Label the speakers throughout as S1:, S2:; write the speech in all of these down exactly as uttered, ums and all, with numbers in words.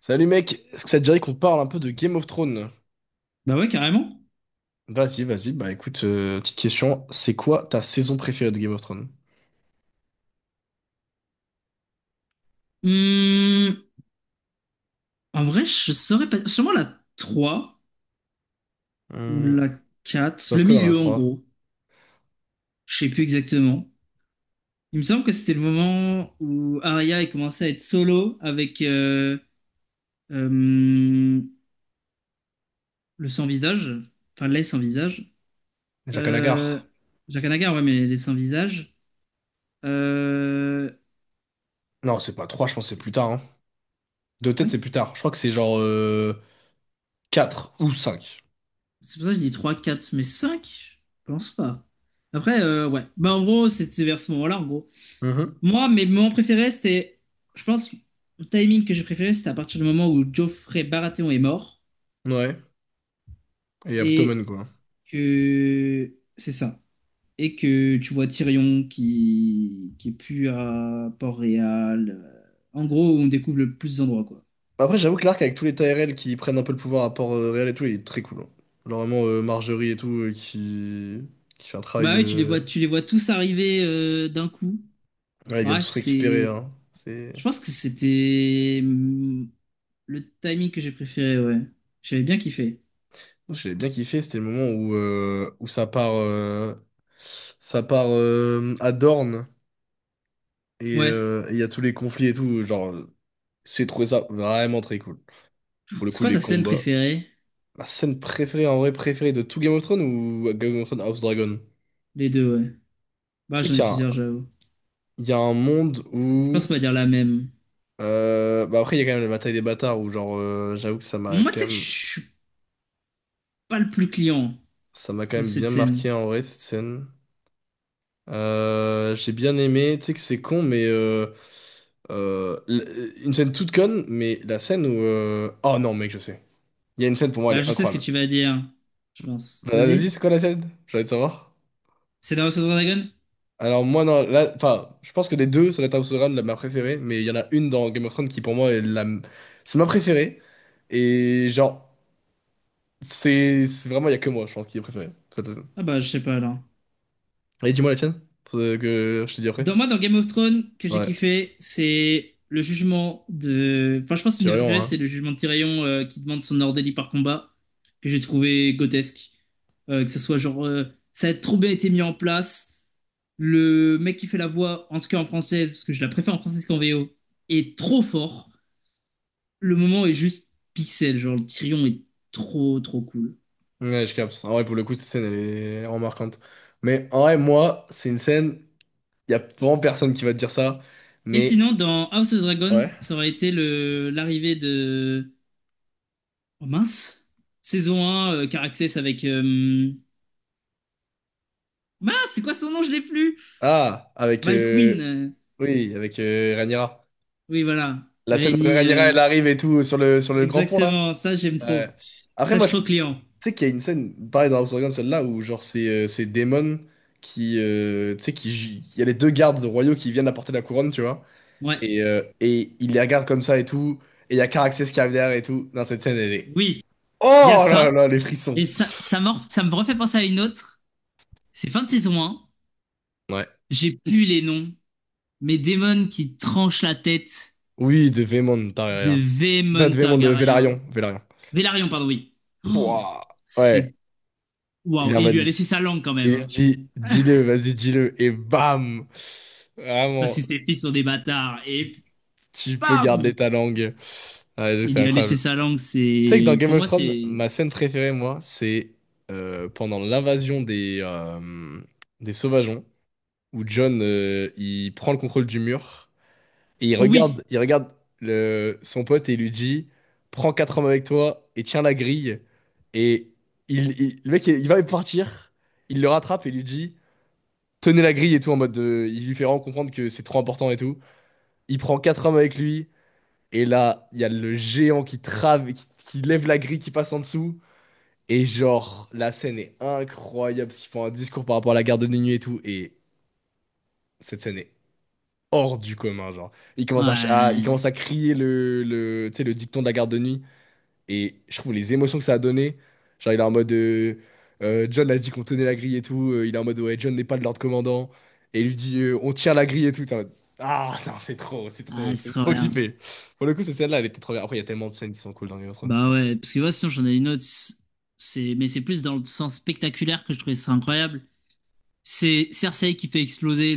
S1: Salut mec, est-ce que ça te dirait qu'on parle un peu de Game of Thrones?
S2: Bah ouais, carrément.
S1: Vas-y, vas-y, bah écoute, euh, petite question, c'est quoi ta saison préférée de Game of Thrones?
S2: Hum, En vrai, je saurais pas. Sûrement la trois ou
S1: Hum,
S2: la quatre.
S1: parce
S2: Le
S1: que dans la
S2: milieu, en
S1: trois,
S2: gros. Je sais plus exactement. Il me semble que c'était le moment où Arya est commencé à être solo avec euh, euh, le sans-visage. Enfin, les sans-visage.
S1: Jaqen H'ghar.
S2: Euh, Jaqen H'ghar, ouais, mais les sans-visage. Euh,
S1: Non, c'est pas trois, je pense que c'est plus tard, hein. De
S2: Ah
S1: tête,
S2: ouais?
S1: c'est plus tard. Je crois que c'est genre euh, quatre, 4 ou cinq.
S2: C'est pour ça que je dis trois quatre mais cinq. Je pense pas. Après, euh, ouais. Bah, en gros, c'est c'est vers ce moment-là, en gros.
S1: Mhm.
S2: Moi, mes moments préférés, c'était. Je pense, le timing que j'ai préféré, c'était à partir du moment où Geoffrey Baratheon est mort.
S1: Ouais, et Abtomen
S2: Et
S1: quoi.
S2: que. C'est ça. Et que tu vois Tyrion qui, qui est plus à Port-Réal. euh, En gros, on découvre le plus d'endroits, quoi.
S1: Après, j'avoue que l'arc avec tous les Tyrell qui prennent un peu le pouvoir à Port-Réal et tout, il est très cool, hein. Genre vraiment euh, Marjorie et tout, euh, qui... qui fait un travail,
S2: Bah oui, tu les
S1: euh,
S2: vois, tu les vois tous arriver euh, d'un coup.
S1: ouais, ils viennent
S2: Ouais,
S1: tous récupérer,
S2: c'est.
S1: hein. C'est...
S2: Je pense que c'était hum, le timing que j'ai préféré, ouais. J'avais bien kiffé.
S1: J'ai bien kiffé, c'était le moment où, euh, où ça part, euh, ça part euh, à Dorne et
S2: Ouais.
S1: euh, il y a tous les conflits et tout. Genre, euh, j'ai trouvé ça vraiment très cool. Pour le
S2: C'est
S1: coup,
S2: quoi
S1: les
S2: ta scène
S1: combats.
S2: préférée?
S1: Ma scène préférée, en vrai, préférée de tout Game of Thrones ou Game of Thrones House Dragon?
S2: Les deux, ouais.
S1: Tu
S2: Bah,
S1: sais
S2: j'en
S1: qu'il
S2: ai
S1: y a un,
S2: plusieurs, j'avoue.
S1: il y a un monde
S2: Je pense
S1: où...
S2: qu'on va dire la même.
S1: euh, bah après, il y a quand même la bataille des bâtards où, genre, euh, j'avoue que ça m'a
S2: Moi, tu
S1: quand
S2: sais que je
S1: même,
S2: suis pas le plus client
S1: ça m'a quand
S2: de
S1: même
S2: cette
S1: bien
S2: scène.
S1: marqué en vrai cette scène. Euh, j'ai bien aimé, tu sais que c'est con, mais euh, euh, l- une scène toute conne, mais la scène où... euh, oh non, mec, je sais. Il y a une scène pour moi, elle
S2: Bah,
S1: est
S2: je sais ce que
S1: incroyable.
S2: tu vas dire, je pense.
S1: Bah, vas-y,
S2: Vas-y.
S1: c'est quoi la scène? J'ai envie de savoir.
S2: C'est dans House of the Dragon?
S1: Alors moi, non, là, enfin, je pense que les deux, ça doit être House of the la ma préférée, mais il y en a une dans Game of Thrones qui pour moi est la... C'est ma préférée, et genre, c'est c'est vraiment, il y a que moi, je pense, qui est préférée. Cette scène.
S2: Ah bah, je sais pas, alors.
S1: Et dis-moi la tienne, pour que je te dis après.
S2: Dans, moi, dans Game of Thrones, que j'ai
S1: Ouais,
S2: kiffé, c'est le jugement de... Enfin, je pense que
S1: tu
S2: une des
S1: rien,
S2: préférées,
S1: hein.
S2: c'est le jugement de Tyrion euh, qui demande son ordélie par combat, que j'ai trouvé grotesque. Euh, que ce soit genre... euh, ça a trop bien été mis en place. Le mec qui fait la voix, en tout cas en française, parce que je la préfère en française qu'en V O, est trop fort. Le moment est juste pixel, genre le Tyrion est trop trop cool.
S1: Ouais, je capte. En vrai, pour le coup, cette scène, elle est remarquante. Mais en vrai, moi, c'est une scène, il y a vraiment personne qui va te dire ça.
S2: Et
S1: Mais,
S2: sinon, dans House of Dragon,
S1: ouais.
S2: ça aurait été le l'arrivée de. Oh mince! Saison un, euh, Caraxes avec. euh, Mince, c'est quoi son nom? Je l'ai plus!
S1: Ah, avec...
S2: Mike
S1: euh,
S2: Wynn. euh,
S1: oui, avec euh, Rhaenyra.
S2: Oui, voilà.
S1: La scène où
S2: Rennie.
S1: Rhaenyra,
S2: euh,
S1: elle arrive et tout sur le, sur le grand pont, là.
S2: Exactement, ça j'aime
S1: Ouais.
S2: trop.
S1: Après,
S2: Ça, je
S1: moi,
S2: suis
S1: je tu
S2: trop client.
S1: sais qu'il y a une scène, pareil dans House of Dragons, celle-là, où, genre, c'est euh, c'est Daemon qui... euh, tu sais, qui... ju- il y a les deux gardes royaux qui viennent apporter la couronne, tu vois.
S2: Ouais.
S1: Et, euh, et il les regarde comme ça et tout. Et il y a Caraxès qui arrive derrière et tout. Non, cette scène, elle est...
S2: Oui, il y a
S1: Oh
S2: ça.
S1: là là, les frissons.
S2: Et ça, ça, me ça me refait penser à une autre. C'est fin de saison un.
S1: Ouais.
S2: J'ai plus les noms. Mais Damon qui tranche la tête
S1: Oui, de Vémon
S2: de
S1: Targaryen. Pas
S2: Vémon
S1: de Vémon, de Vélarion.
S2: Targaryen.
S1: Vélarion.
S2: Velaryon, pardon, oui. Oh,
S1: Pouah. Ouais,
S2: c'est. Waouh.
S1: il en
S2: Et il
S1: m'a
S2: lui a
S1: dit.
S2: laissé sa langue quand même,
S1: Il a
S2: hein.
S1: dit, dis-le, vas-y, dis-le. Et bam!
S2: Parce que
S1: Vraiment,
S2: ses fils sont des bâtards.
S1: tu,
S2: Et
S1: tu peux garder
S2: bam!
S1: ta langue. Ouais,
S2: Il
S1: c'est
S2: lui a laissé
S1: incroyable.
S2: sa langue.
S1: Tu sais que dans
S2: C'est.
S1: Game
S2: Pour
S1: of
S2: moi,
S1: Thrones,
S2: c'est.
S1: ma scène préférée, moi, c'est euh, pendant l'invasion des, euh, des Sauvageons, où Jon, euh, il prend le contrôle du mur. Et il
S2: Oh oui!
S1: regarde, il regarde le, son pote et il lui dit, prends quatre hommes avec toi et tiens la grille. Et il, il- le mec, il, il va partir, il le rattrape et lui dit, tenez la grille et tout, en mode, de- il lui fait vraiment comprendre que c'est trop important et tout. Il prend quatre hommes avec lui, et là, il y a le géant qui trave, qui, qui lève la grille, qui passe en dessous. Et genre, la scène est incroyable, parce qu'ils font un discours par rapport à la garde de nuit et tout, et cette scène est hors du commun, genre. Il commence à, ch- à- il commence
S2: Ouais.
S1: à crier le, le, tu sais, le dicton de la garde de nuit. Et je trouve les émotions que ça a donné. Genre, il est en mode... euh, euh, John a dit qu'on tenait la grille et tout. euh, il est en mode, ouais, John n'est pas le Lord Commandant. Et il lui dit, euh, on tient la grille et tout. T'es en mode, ah, non, c'est trop, c'est
S2: Ah,
S1: trop,
S2: c'est
S1: c'est
S2: trop
S1: trop
S2: bien.
S1: kiffé. Pour le coup, cette scène-là, elle était trop bien. Après, il y a tellement de scènes qui sont cool dans Game of Thrones.
S2: Bah ouais. Parce que moi, sinon, j'en ai une autre. C'est. Mais c'est plus dans le sens spectaculaire que je trouvais ça incroyable. C'est Cersei qui fait exploser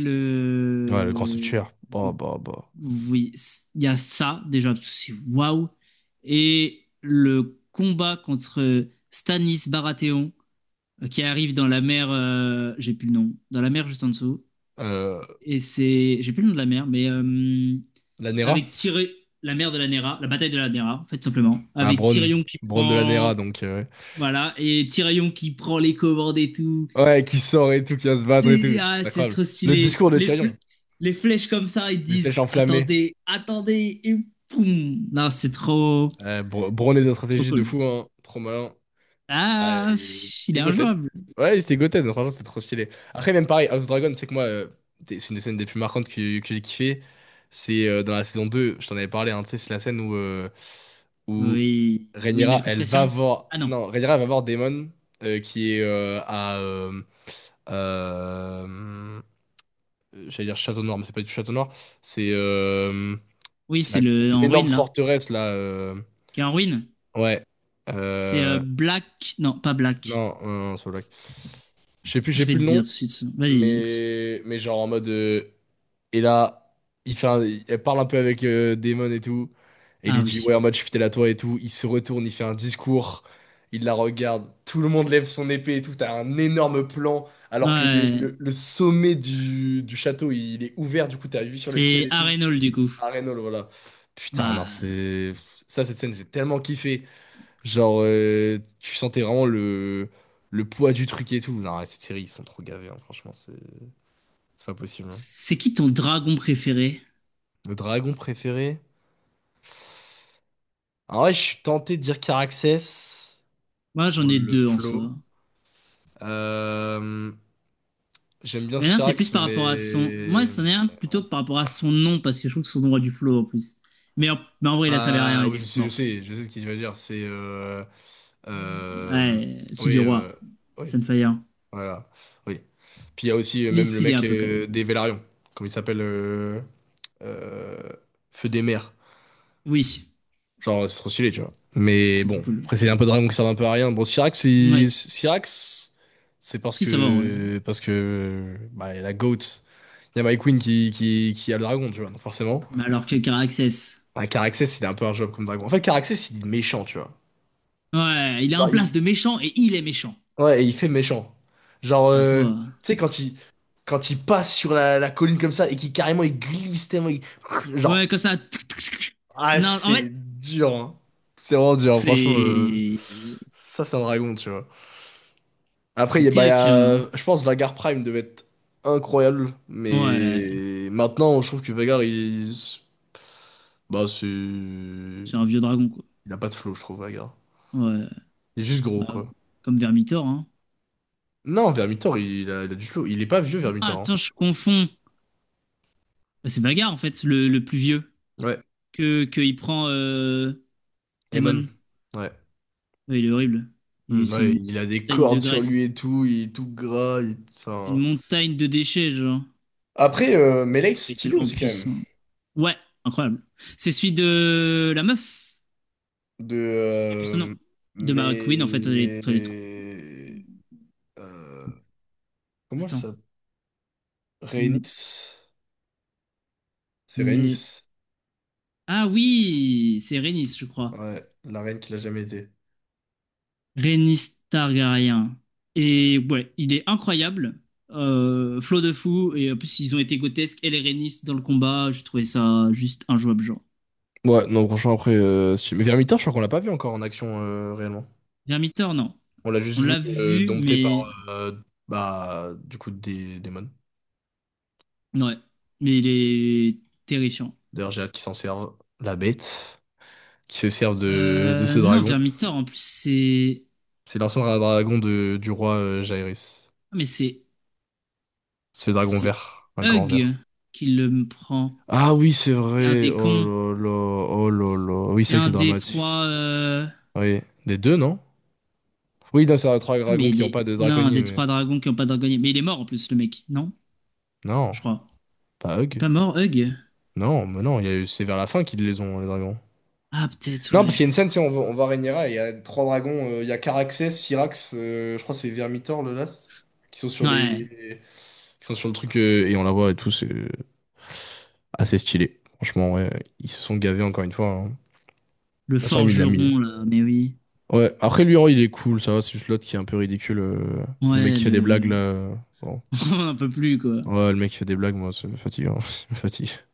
S1: Ouais, le grand
S2: le.
S1: septuaire. Bah,
S2: le
S1: bah, bah.
S2: Oui, c- il y a ça déjà, parce que c'est waouh. Et le combat contre Stanis Baratheon euh, qui arrive dans la mer, euh, j'ai plus le nom, dans la mer juste en dessous.
S1: Euh,
S2: Et c'est, j'ai plus le nom de la mer, mais euh,
S1: la Nera?
S2: avec Tyrion, la mer de la Nera, la bataille de la Nera, en fait, tout simplement.
S1: Bah,
S2: Avec
S1: Bronn.
S2: Tyrion qui
S1: Bronn de la Nera,
S2: prend,
S1: donc... euh,
S2: voilà, et Tyrion qui prend les commandes et tout.
S1: ouais, ouais, qui sort et tout, qui va se battre et
S2: C'est
S1: tout.
S2: ah,
S1: C'est
S2: c'est
S1: incroyable.
S2: trop
S1: Le
S2: stylé.
S1: discours de
S2: Les,
S1: Tyrion.
S2: fl- les flèches comme ça, ils
S1: Des flèches
S2: disent
S1: enflammées.
S2: attendez, attendez, et poum. Non, c'est trop,
S1: Euh, Bro- Brown est une
S2: c'est trop
S1: stratégie de
S2: cool.
S1: fou, hein. Trop malin. Ouais,
S2: Ah,
S1: et...
S2: pff, il est
S1: C'était Goten.
S2: injouable.
S1: Ouais, c'était Goten. Franchement, c'était trop stylé. Après, même pareil, House Dragon, c'est que moi, euh, t'es- c'est une des scènes des plus marquantes que, que j'ai kiffé. C'est euh, dans la saison deux, je t'en avais parlé, hein, tu sais, c'est la scène où, euh, où
S2: Oui, oui, mais
S1: Rhaenyra,
S2: le coup de
S1: elle va
S2: pression.
S1: voir.
S2: Ah non,
S1: Non, Rhaenyra, elle va voir Daemon, euh, qui est euh, à... euh, euh, j'allais dire Château Noir, mais c'est pas du tout Château Noir. C'est euh,
S2: oui,
S1: c'est
S2: c'est
S1: la-
S2: le en ruine
S1: l'énorme
S2: là.
S1: forteresse, là. euh,
S2: Qui est en ruine.
S1: Ouais.
S2: C'est euh,
S1: Euh,
S2: Black. Non, pas Black.
S1: non, non, non, c'est pas Black. Je sais plus, j'ai
S2: Je vais
S1: plus
S2: te
S1: le
S2: dire
S1: nom,
S2: tout de suite. Vas-y, écoute.
S1: mais, mais genre en mode... euh, et là, il fait un- il- elle parle un peu avec euh, Damon et tout. Et il lui
S2: Ah
S1: dit, ouais,
S2: oui.
S1: en mode, je suis fidèle à toi et tout. Il se retourne, il fait un discours. Il la regarde. Tout le monde lève son épée et tout. T'as un énorme plan. Alors que le,
S2: Ouais.
S1: le, le sommet du, du château, il est ouvert. Du coup, t'as une vue sur le ciel
S2: C'est
S1: et tout.
S2: Arenol du coup.
S1: À Reynold, voilà. Putain, non,
S2: Bah,
S1: c'est... Ça, cette scène, j'ai tellement kiffé. Genre, euh, tu sentais vraiment le, le poids du truc et tout. Non, ouais, cette série, ils sont trop gavés, hein, franchement, c'est c'est pas possible, hein.
S2: c'est qui ton dragon préféré?
S1: Le dragon préféré? En vrai, je suis tenté de dire Caraxès
S2: Moi,
S1: pour
S2: j'en ai
S1: le
S2: deux en
S1: flow.
S2: soi.
S1: Euh, j'aime bien
S2: Mais non, c'est plus
S1: Syrax,
S2: par rapport à son. Moi,
S1: mais...
S2: c'en est un plutôt par rapport à son nom, parce que je trouve que son nom a du flow en plus. Mais en, mais en vrai, il a servi à rien,
S1: Bah,
S2: il
S1: oui,
S2: est
S1: je
S2: vite
S1: sais, je
S2: mort.
S1: sais, je sais ce qu'il va dire. C'est... euh, euh,
S2: Ouais, c'est
S1: oui,
S2: du
S1: euh,
S2: roi.
S1: oui,
S2: Sunfire.
S1: voilà, oui. Puis il y a aussi euh,
S2: Il est
S1: même le
S2: stylé un
S1: mec
S2: peu quand même.
S1: euh, des Vélarions, comme il s'appelle euh, euh, Feu des mers.
S2: Oui,
S1: Genre, c'est trop stylé, tu vois.
S2: c'est
S1: Mais
S2: trop trop
S1: bon,
S2: cool.
S1: après, c'est un peu de dragon qui servent un peu à rien. Bon, Syrax, c'est,
S2: Oui.
S1: Syrax, c'est parce
S2: Si, ça va en vrai.
S1: que, parce que, bah, il y a la GOAT, il y a My Queen qui, qui, qui a le dragon, tu vois, donc forcément.
S2: Mais alors que Caraxes.
S1: Bah, Caraxès, il est un peu un job comme dragon. En fait, Caraxès, il est méchant, tu vois.
S2: Ouais, il a un
S1: Genre,
S2: place
S1: il-
S2: de méchant et il est méchant.
S1: Ouais, et il fait méchant. Genre,
S2: Ça se
S1: euh,
S2: voit,
S1: tu
S2: hein.
S1: sais, quand il, quand il passe sur la, la colline comme ça et qu'il carrément, il glisse tellement, il- genre,
S2: Ouais, comme ça. Tuc, tuc, tuc.
S1: ah,
S2: Non, en fait,
S1: c'est dur, hein. C'est vraiment dur, hein, franchement. euh,
S2: c'est.
S1: Ça, c'est un dragon, tu vois. Après, il y
S2: C'est
S1: a, bah, il y
S2: terrifiant, là.
S1: a- je pense Vagar Prime devait être incroyable,
S2: Ouais.
S1: mais maintenant, je trouve que Vagar, il... Bah, c'est...
S2: C'est un
S1: Il
S2: vieux dragon, quoi.
S1: a pas de flow, je trouve, Vagar.
S2: Ouais.
S1: Il est juste gros,
S2: Bah,
S1: quoi.
S2: comme Vermitor, hein.
S1: Non, Vermithor, il a, il a du flow. Il est pas vieux,
S2: Ah,
S1: Vermithor, hein.
S2: attends, je confonds. Bah, c'est Bagarre, en fait, le, le plus vieux.
S1: Ouais,
S2: Que, que il prend euh,
S1: Emon.
S2: Emon.
S1: Ouais.
S2: Ouais, il est horrible. Il-
S1: Hmm,
S2: C'est
S1: ouais,
S2: une,
S1: il
S2: c'est
S1: a
S2: une
S1: des
S2: montagne de
S1: cordes sur lui
S2: graisse.
S1: et tout, il est tout gras. Il-
S2: C'est une
S1: enfin...
S2: montagne de déchets, genre.
S1: Après, euh, Melee, c'est
S2: Il est
S1: stylé
S2: tellement
S1: aussi, quand même.
S2: puissant. Ouais, incroyable. C'est celui de la meuf.
S1: De...
S2: J'ai plus son nom.
S1: euh,
S2: De Mara Queen, en fait, elle est, elle est trop.
S1: mais... euh, comment
S2: Attends.
S1: ça s'appelle?
S2: M-
S1: Rhaenys? C'est
S2: Mais.
S1: Rhaenys.
S2: Ah oui! C'est Rhaenys, je crois.
S1: Ouais, la reine qu'il a jamais été.
S2: Rhaenys Targaryen. Et ouais, il est incroyable. Euh, flot de fou. Et en plus, ils ont été grotesques. Elle et Rhaenys dans le combat, je trouvais ça juste injouable, genre.
S1: Ouais, non, franchement, après, euh, si- mais Vermintide, je crois qu'on l'a pas vu encore en action euh, réellement.
S2: Vermithor, non.
S1: On l'a juste
S2: On
S1: vu
S2: l'a
S1: euh,
S2: vu,
S1: dompté par,
S2: mais...
S1: euh, bah, du coup, des démons.
S2: Ouais. Mais il est terrifiant.
S1: D'ailleurs, j'ai hâte qu'ils s'en servent. La bête, qui se sert de, de ce
S2: Euh, non,
S1: dragon.
S2: Vermithor, en plus, c'est.
S1: C'est l'ancien dra- dragon de, du roi euh, Jaerys.
S2: Ah, mais c'est.
S1: C'est le dragon
S2: C'est
S1: vert, un grand vert.
S2: Hug qui le prend.
S1: Ah oui, c'est
S2: C'est un
S1: vrai.
S2: des cons.
S1: Oh là là, oh là là. Oui, c'est
S2: C'est
S1: vrai que c'est
S2: un des
S1: dramatique.
S2: trois. euh,
S1: Oui, les deux, non? Oui, non, c'est trois
S2: Ah, mais
S1: dragons qui
S2: il
S1: n'ont
S2: est.
S1: pas de
S2: Non, un
S1: draconnier,
S2: des
S1: mais...
S2: trois dragons qui n'ont pas dragonnier. Mais il est mort, en plus, le mec, non?
S1: Non.
S2: Je crois.
S1: Pas
S2: Il est
S1: Hug?
S2: pas mort, Hug.
S1: Non, mais non, il y a eu- c'est vers la fin qu'ils les ont, les dragons.
S2: Ah, peut-être,
S1: Non, parce
S2: ouais.
S1: qu'il y a une scène, c'est on va, on va Rhaenyra, et il y a trois dragons, euh, il y a Caraxès, Syrax, euh, je crois que c'est Vermithor le last, qui sont sur
S2: Ouais,
S1: les, qui sont sur le truc, euh, et on la voit et tout, c'est euh, assez stylé. Franchement, ouais, ils se sont gavés encore une fois, hein. De toute
S2: le
S1: façon, il l'a mis.
S2: forgeron, là, mais oui.
S1: Ouais, après lui, oh, il est cool, ça va, c'est juste l'autre qui est un peu ridicule. euh, Le mec
S2: Ouais,
S1: qui fait des blagues
S2: le.
S1: là. euh, Bon.
S2: On n'en peut plus, quoi.
S1: Ouais, le mec qui fait des blagues, moi, ça me fatigue, hein. Ça me fatigue.